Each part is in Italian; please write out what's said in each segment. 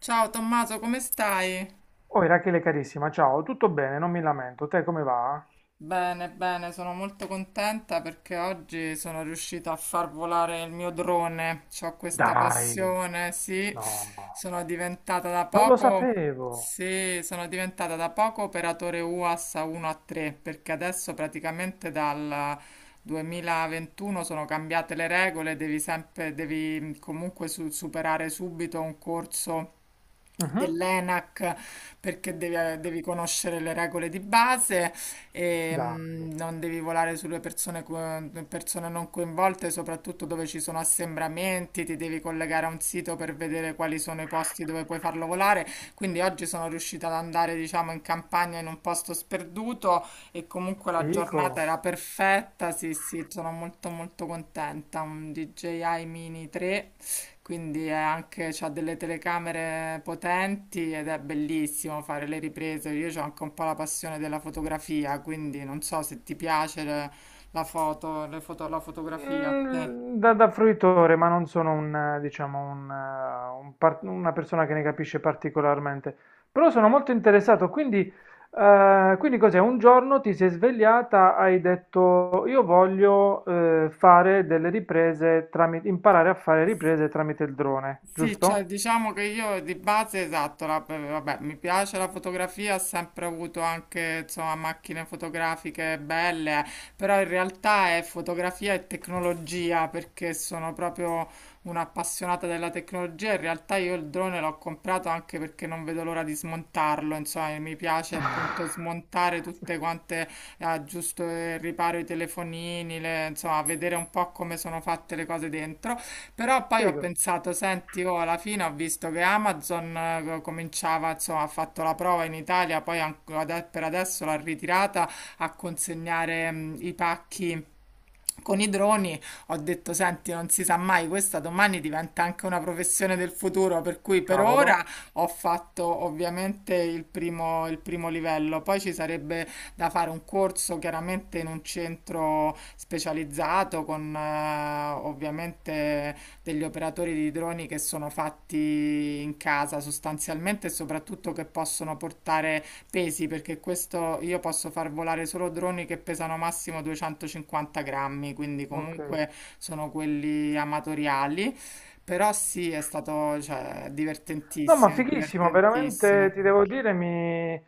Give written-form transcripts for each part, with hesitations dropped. Ciao Tommaso, come stai? Oh, Irachele carissima, ciao, tutto bene, non mi lamento. Te come va? Bene, bene, sono molto contenta perché oggi sono riuscita a far volare il mio drone. Ho questa Dai, passione, sì. no, Sono diventata da non lo poco, sapevo. sì, sono diventata da poco operatore UAS a 1 a 3 perché adesso praticamente dal 2021 sono cambiate le regole, devi comunque superare subito un corso Mhm. dell'ENAC perché devi conoscere le regole di base e Dai, non devi volare sulle persone, persone non coinvolte, soprattutto dove ci sono assembramenti, ti devi collegare a un sito per vedere quali sono i posti dove puoi farlo volare. Quindi oggi sono riuscita ad andare, diciamo, in campagna in un posto sperduto e comunque la giornata fico. era perfetta. Sì, sì, sono molto molto contenta. Un DJI Mini 3, quindi è anche, c'ha delle telecamere potenti ed è bellissimo fare le riprese. Io ho anche un po' la passione della fotografia, quindi non so se ti piace la fotografia a te. Da fruitore, ma non sono un, diciamo, un, una persona che ne capisce particolarmente. Però sono molto interessato, quindi, quindi cos'è? Un giorno ti sei svegliata, hai detto io voglio fare delle riprese tramite, imparare a fare riprese tramite il drone, Sì, cioè giusto? diciamo che io di base, esatto, vabbè, mi piace la fotografia, ho sempre avuto anche, insomma, macchine fotografiche belle, però in realtà è fotografia e tecnologia, perché sono proprio un'appassionata della tecnologia. In realtà io il drone l'ho comprato anche perché non vedo l'ora di smontarlo, insomma, mi piace appunto smontare Cazzo, tutte quante, aggiusto e riparo i telefonini, insomma, vedere un po' come sono fatte le cose dentro. Però poi ho figo, pensato, senti, oh, alla fine ho visto che Amazon cominciava, insomma, ha fatto la prova in Italia, poi anche per adesso l'ha ritirata a consegnare i pacchi con i droni. Ho detto: Senti, non si sa mai, questa domani diventa anche una professione del futuro. Per cui per ora cavolo, ho fatto ovviamente il primo livello. Poi ci sarebbe da fare un corso chiaramente in un centro specializzato con ovviamente degli operatori di droni che sono fatti in casa sostanzialmente, e soprattutto che possono portare pesi, perché questo io posso far volare solo droni che pesano massimo 250 grammi, quindi ok. comunque sono quelli amatoriali. Però sì, è stato, cioè, No, ma divertentissimo, è fighissimo, veramente divertentissimo. ti devo dire, mi,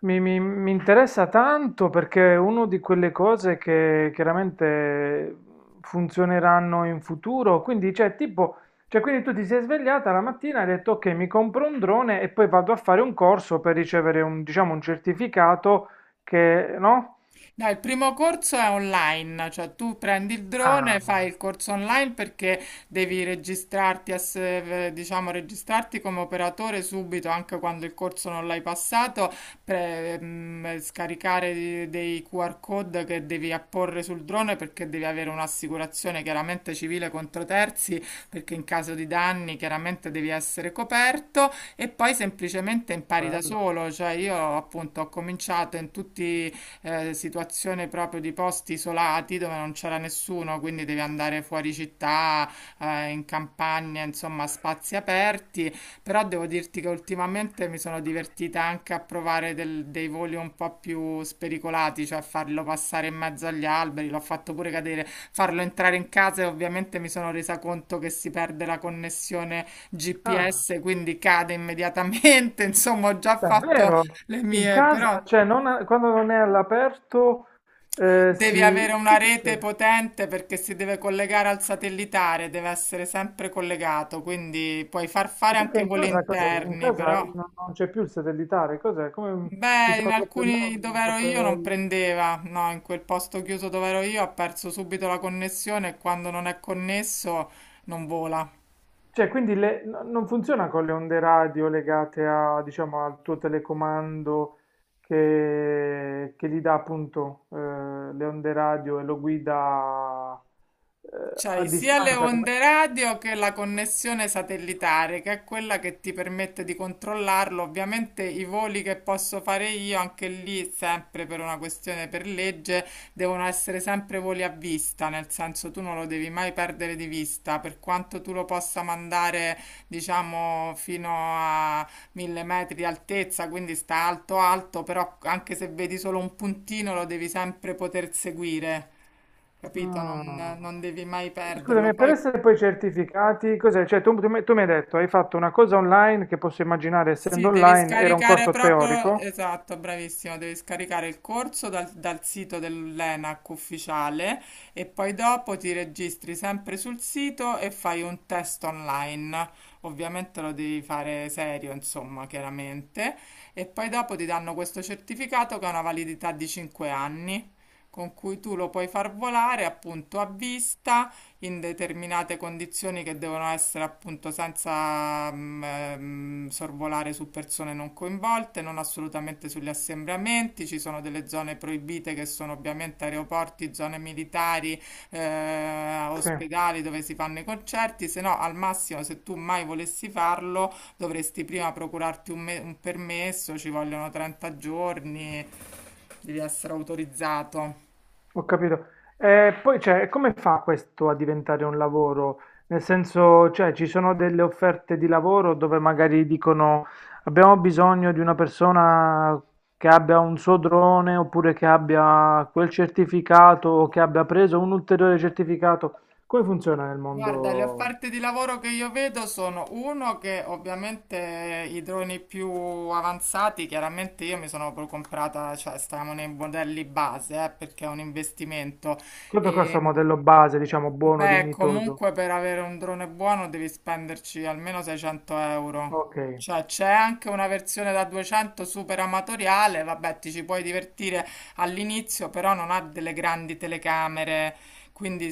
mi- mi- mi interessa tanto perché è una di quelle cose che chiaramente funzioneranno in futuro. Quindi, cioè, tipo, cioè, quindi tu ti sei svegliata la mattina e hai detto, ok, mi compro un drone e poi vado a fare un corso per ricevere un, diciamo, un certificato che, no? No, il primo corso è online, cioè tu prendi il drone, Ah, fai il corso online perché devi registrarti, diciamo, registrarti come operatore subito, anche quando il corso non l'hai passato, scaricare dei QR code che devi apporre sul drone perché devi avere un'assicurazione chiaramente civile contro terzi, perché in caso di danni chiaramente devi essere coperto, e poi semplicemente impari da bello. solo. Cioè io appunto ho cominciato in tutti situazione proprio di posti isolati dove non c'era nessuno, quindi devi andare fuori città, in campagna, insomma, a spazi aperti. Però devo dirti che ultimamente mi sono divertita anche a provare dei voli un po' più spericolati, cioè farlo passare in mezzo agli alberi, l'ho fatto pure cadere, farlo entrare in casa, e ovviamente mi sono resa conto che si perde la connessione Ah, GPS, quindi cade immediatamente. Insomma, ho già fatto davvero? le In mie, casa? però. Cioè, non a- quando non è all'aperto, Devi si... avere una Che rete succede? potente perché si deve collegare al satellitare, deve essere sempre collegato, quindi puoi far E fare perché anche in voli casa cos'è? In interni, casa però... non c'è più il satellitare, cos'è? Come ci Beh, in sono troppe... alcuni dove ero io non prendeva, no, in quel posto chiuso dove ero io ha perso subito la connessione, e quando non è connesso non vola. Cioè, quindi non funziona con le onde radio legate a, diciamo, al tuo telecomando che gli dà appunto, le onde radio e lo guida, a C'hai sia le distanza. Come... onde radio che la connessione satellitare, che è quella che ti permette di controllarlo. Ovviamente i voli che posso fare io, anche lì, sempre per una questione per legge, devono essere sempre voli a vista, nel senso tu non lo devi mai perdere di vista, per quanto tu lo possa mandare, diciamo, fino a 1.000 metri di altezza, quindi sta alto alto, però anche se vedi solo un puntino lo devi sempre poter seguire, capito? Non, Ah. non devi mai perderlo. Scusami, per Poi essere poi certificati, cos'è? Cioè, tu mi hai detto, hai fatto una cosa online che, posso immaginare sì, essendo devi online, era un scaricare corso proprio, teorico? esatto, bravissimo, devi scaricare il corso dal, dal sito dell'ENAC ufficiale e poi dopo ti registri sempre sul sito e fai un test online. Ovviamente lo devi fare serio, insomma, chiaramente. E poi dopo ti danno questo certificato che ha una validità di 5 anni, con cui tu lo puoi far volare appunto a vista in determinate condizioni che devono essere appunto senza sorvolare su persone non coinvolte, non assolutamente sugli assembramenti. Ci sono delle zone proibite che sono ovviamente aeroporti, zone militari, Sì. ospedali dove si fanno i concerti, se no al massimo se tu mai volessi farlo dovresti prima procurarti un permesso, ci vogliono 30 giorni, devi essere autorizzato. Ho capito. E poi, cioè, come fa questo a diventare un lavoro? Nel senso, cioè, ci sono delle offerte di lavoro dove magari dicono abbiamo bisogno di una persona che abbia un suo drone oppure che abbia quel certificato o che abbia preso un ulteriore certificato. Come funziona nel Guarda, le mondo? offerte di lavoro che io vedo sono uno che ovviamente i droni più avanzati, chiaramente io mi sono proprio comprata, cioè stavamo nei modelli base, perché è un investimento. Quanto costa un E, modello base, diciamo, buono, beh, dignitoso? comunque per avere un drone buono devi spenderci almeno 600 euro. Ok. Cioè c'è anche una versione da 200, super amatoriale, vabbè, ti ci puoi divertire all'inizio, però non ha delle grandi telecamere, quindi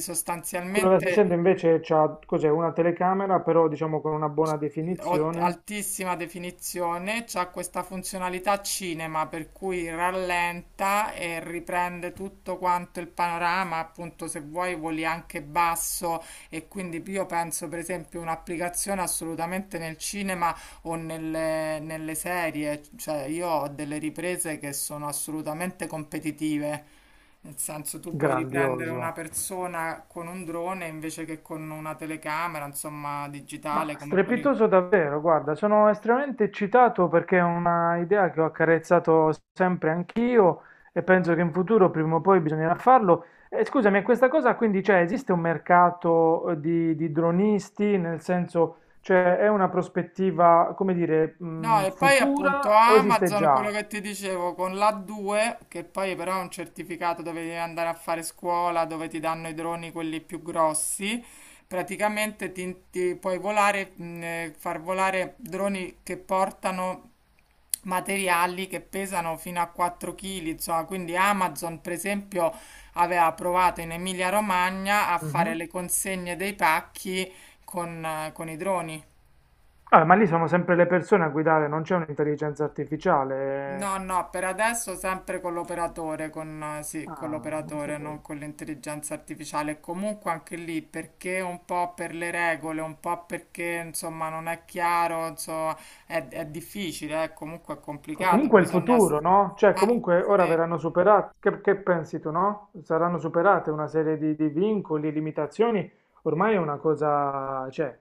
Quello da sostanzialmente... 600 invece ha, cos'è, una telecamera, però diciamo con una buona definizione. altissima definizione, c'ha questa funzionalità cinema per cui rallenta e riprende tutto quanto il panorama, appunto se vuoi voli anche basso, e quindi io penso per esempio un'applicazione assolutamente nel cinema o nelle, nelle serie, cioè io ho delle riprese che sono assolutamente competitive. Nel senso, tu puoi riprendere una Grandioso, persona con un drone invece che con una telecamera, insomma, ma digitale come quello. strepitoso davvero, guarda, sono estremamente eccitato perché è una idea che ho accarezzato sempre anch'io e penso che in futuro prima o poi bisognerà farlo. E scusami, e questa cosa quindi c'è, esiste un mercato, di dronisti, nel senso, cioè è una prospettiva, come dire, No, e poi appunto futura o esiste Amazon, quello già? che ti dicevo, con l'A2, che poi però è un certificato dove devi andare a fare scuola, dove ti danno i droni quelli più grossi, praticamente ti far volare droni che portano materiali che pesano fino a 4 kg, insomma. Quindi Amazon, per esempio, aveva provato in Emilia-Romagna a fare Mhm. le consegne dei pacchi con i droni. Ah, ma lì sono sempre le persone a guidare, non c'è un'intelligenza artificiale. No, no, per adesso sempre con l'operatore, sì, con Ah, non l'operatore, sapevo. non con l'intelligenza artificiale. Comunque anche lì, perché un po' per le regole, un po' perché insomma non è chiaro, insomma, è difficile, comunque è O complicato, comunque il bisogna... futuro, no? Cioè, Eh, comunque ora sì. verranno superate, che pensi tu, no? Saranno superate una serie di vincoli, limitazioni, ormai è una cosa, cioè,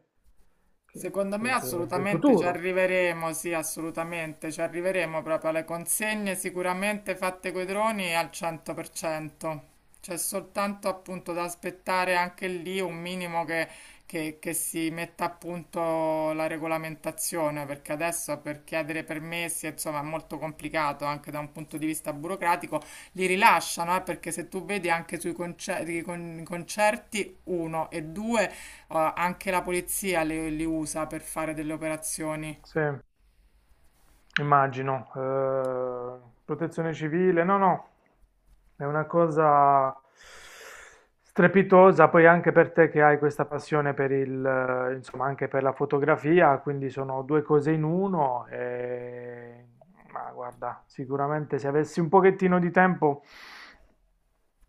Secondo me del assolutamente ci futuro. arriveremo, sì, assolutamente ci arriveremo proprio alle consegne sicuramente fatte coi droni al 100%. C'è soltanto appunto da aspettare anche lì un minimo che si metta a punto la regolamentazione, perché adesso per chiedere permessi, insomma, è molto complicato anche da un punto di vista burocratico. Li rilasciano, perché se tu vedi anche sui i concerti, uno e due, anche la polizia li usa per fare delle operazioni. Sì. Immagino. Protezione civile, no, no, è una cosa strepitosa, poi anche per te che hai questa passione per il, insomma, anche per la fotografia, quindi sono due cose in uno. E... Ma guarda, sicuramente se avessi un pochettino di tempo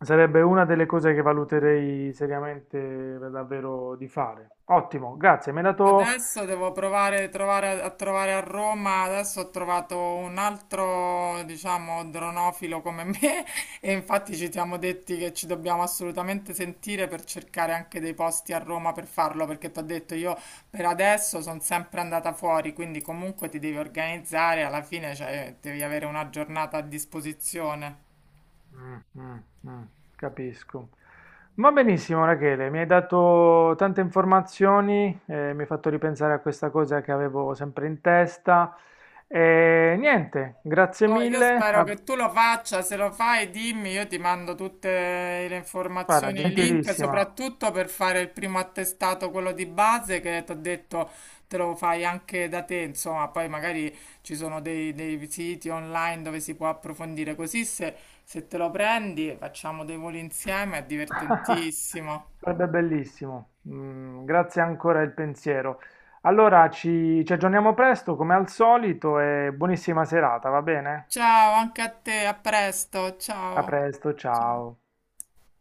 sarebbe una delle cose che valuterei seriamente, davvero di fare. Ottimo, grazie, mi hai dato... Adesso devo provare a trovare a Roma. Adesso ho trovato un altro, diciamo, dronofilo come me. E infatti ci siamo detti che ci dobbiamo assolutamente sentire per cercare anche dei posti a Roma per farlo. Perché ti ho detto, io per adesso sono sempre andata fuori. Quindi comunque ti devi organizzare. Alla fine, cioè, devi avere una giornata a disposizione. Mh, mh, mh, capisco. Va benissimo Rachele, mi hai dato tante informazioni, mi hai fatto ripensare a questa cosa che avevo sempre in testa. E niente, grazie Oh, io mille. spero Ah, che tu lo faccia, se lo fai dimmi, io ti mando tutte le guarda, informazioni e i link, gentilissima, soprattutto per fare il primo attestato, quello di base, che ti ho detto te lo fai anche da te, insomma, poi magari ci sono dei, dei siti online dove si può approfondire, così se, se te lo prendi facciamo dei voli insieme, è divertentissimo. sarebbe bellissimo. Mm, grazie ancora del pensiero. Allora ci aggiorniamo presto come al solito e buonissima serata, va bene? Ciao, anche a te, a presto, A ciao. presto, Ciao. ciao.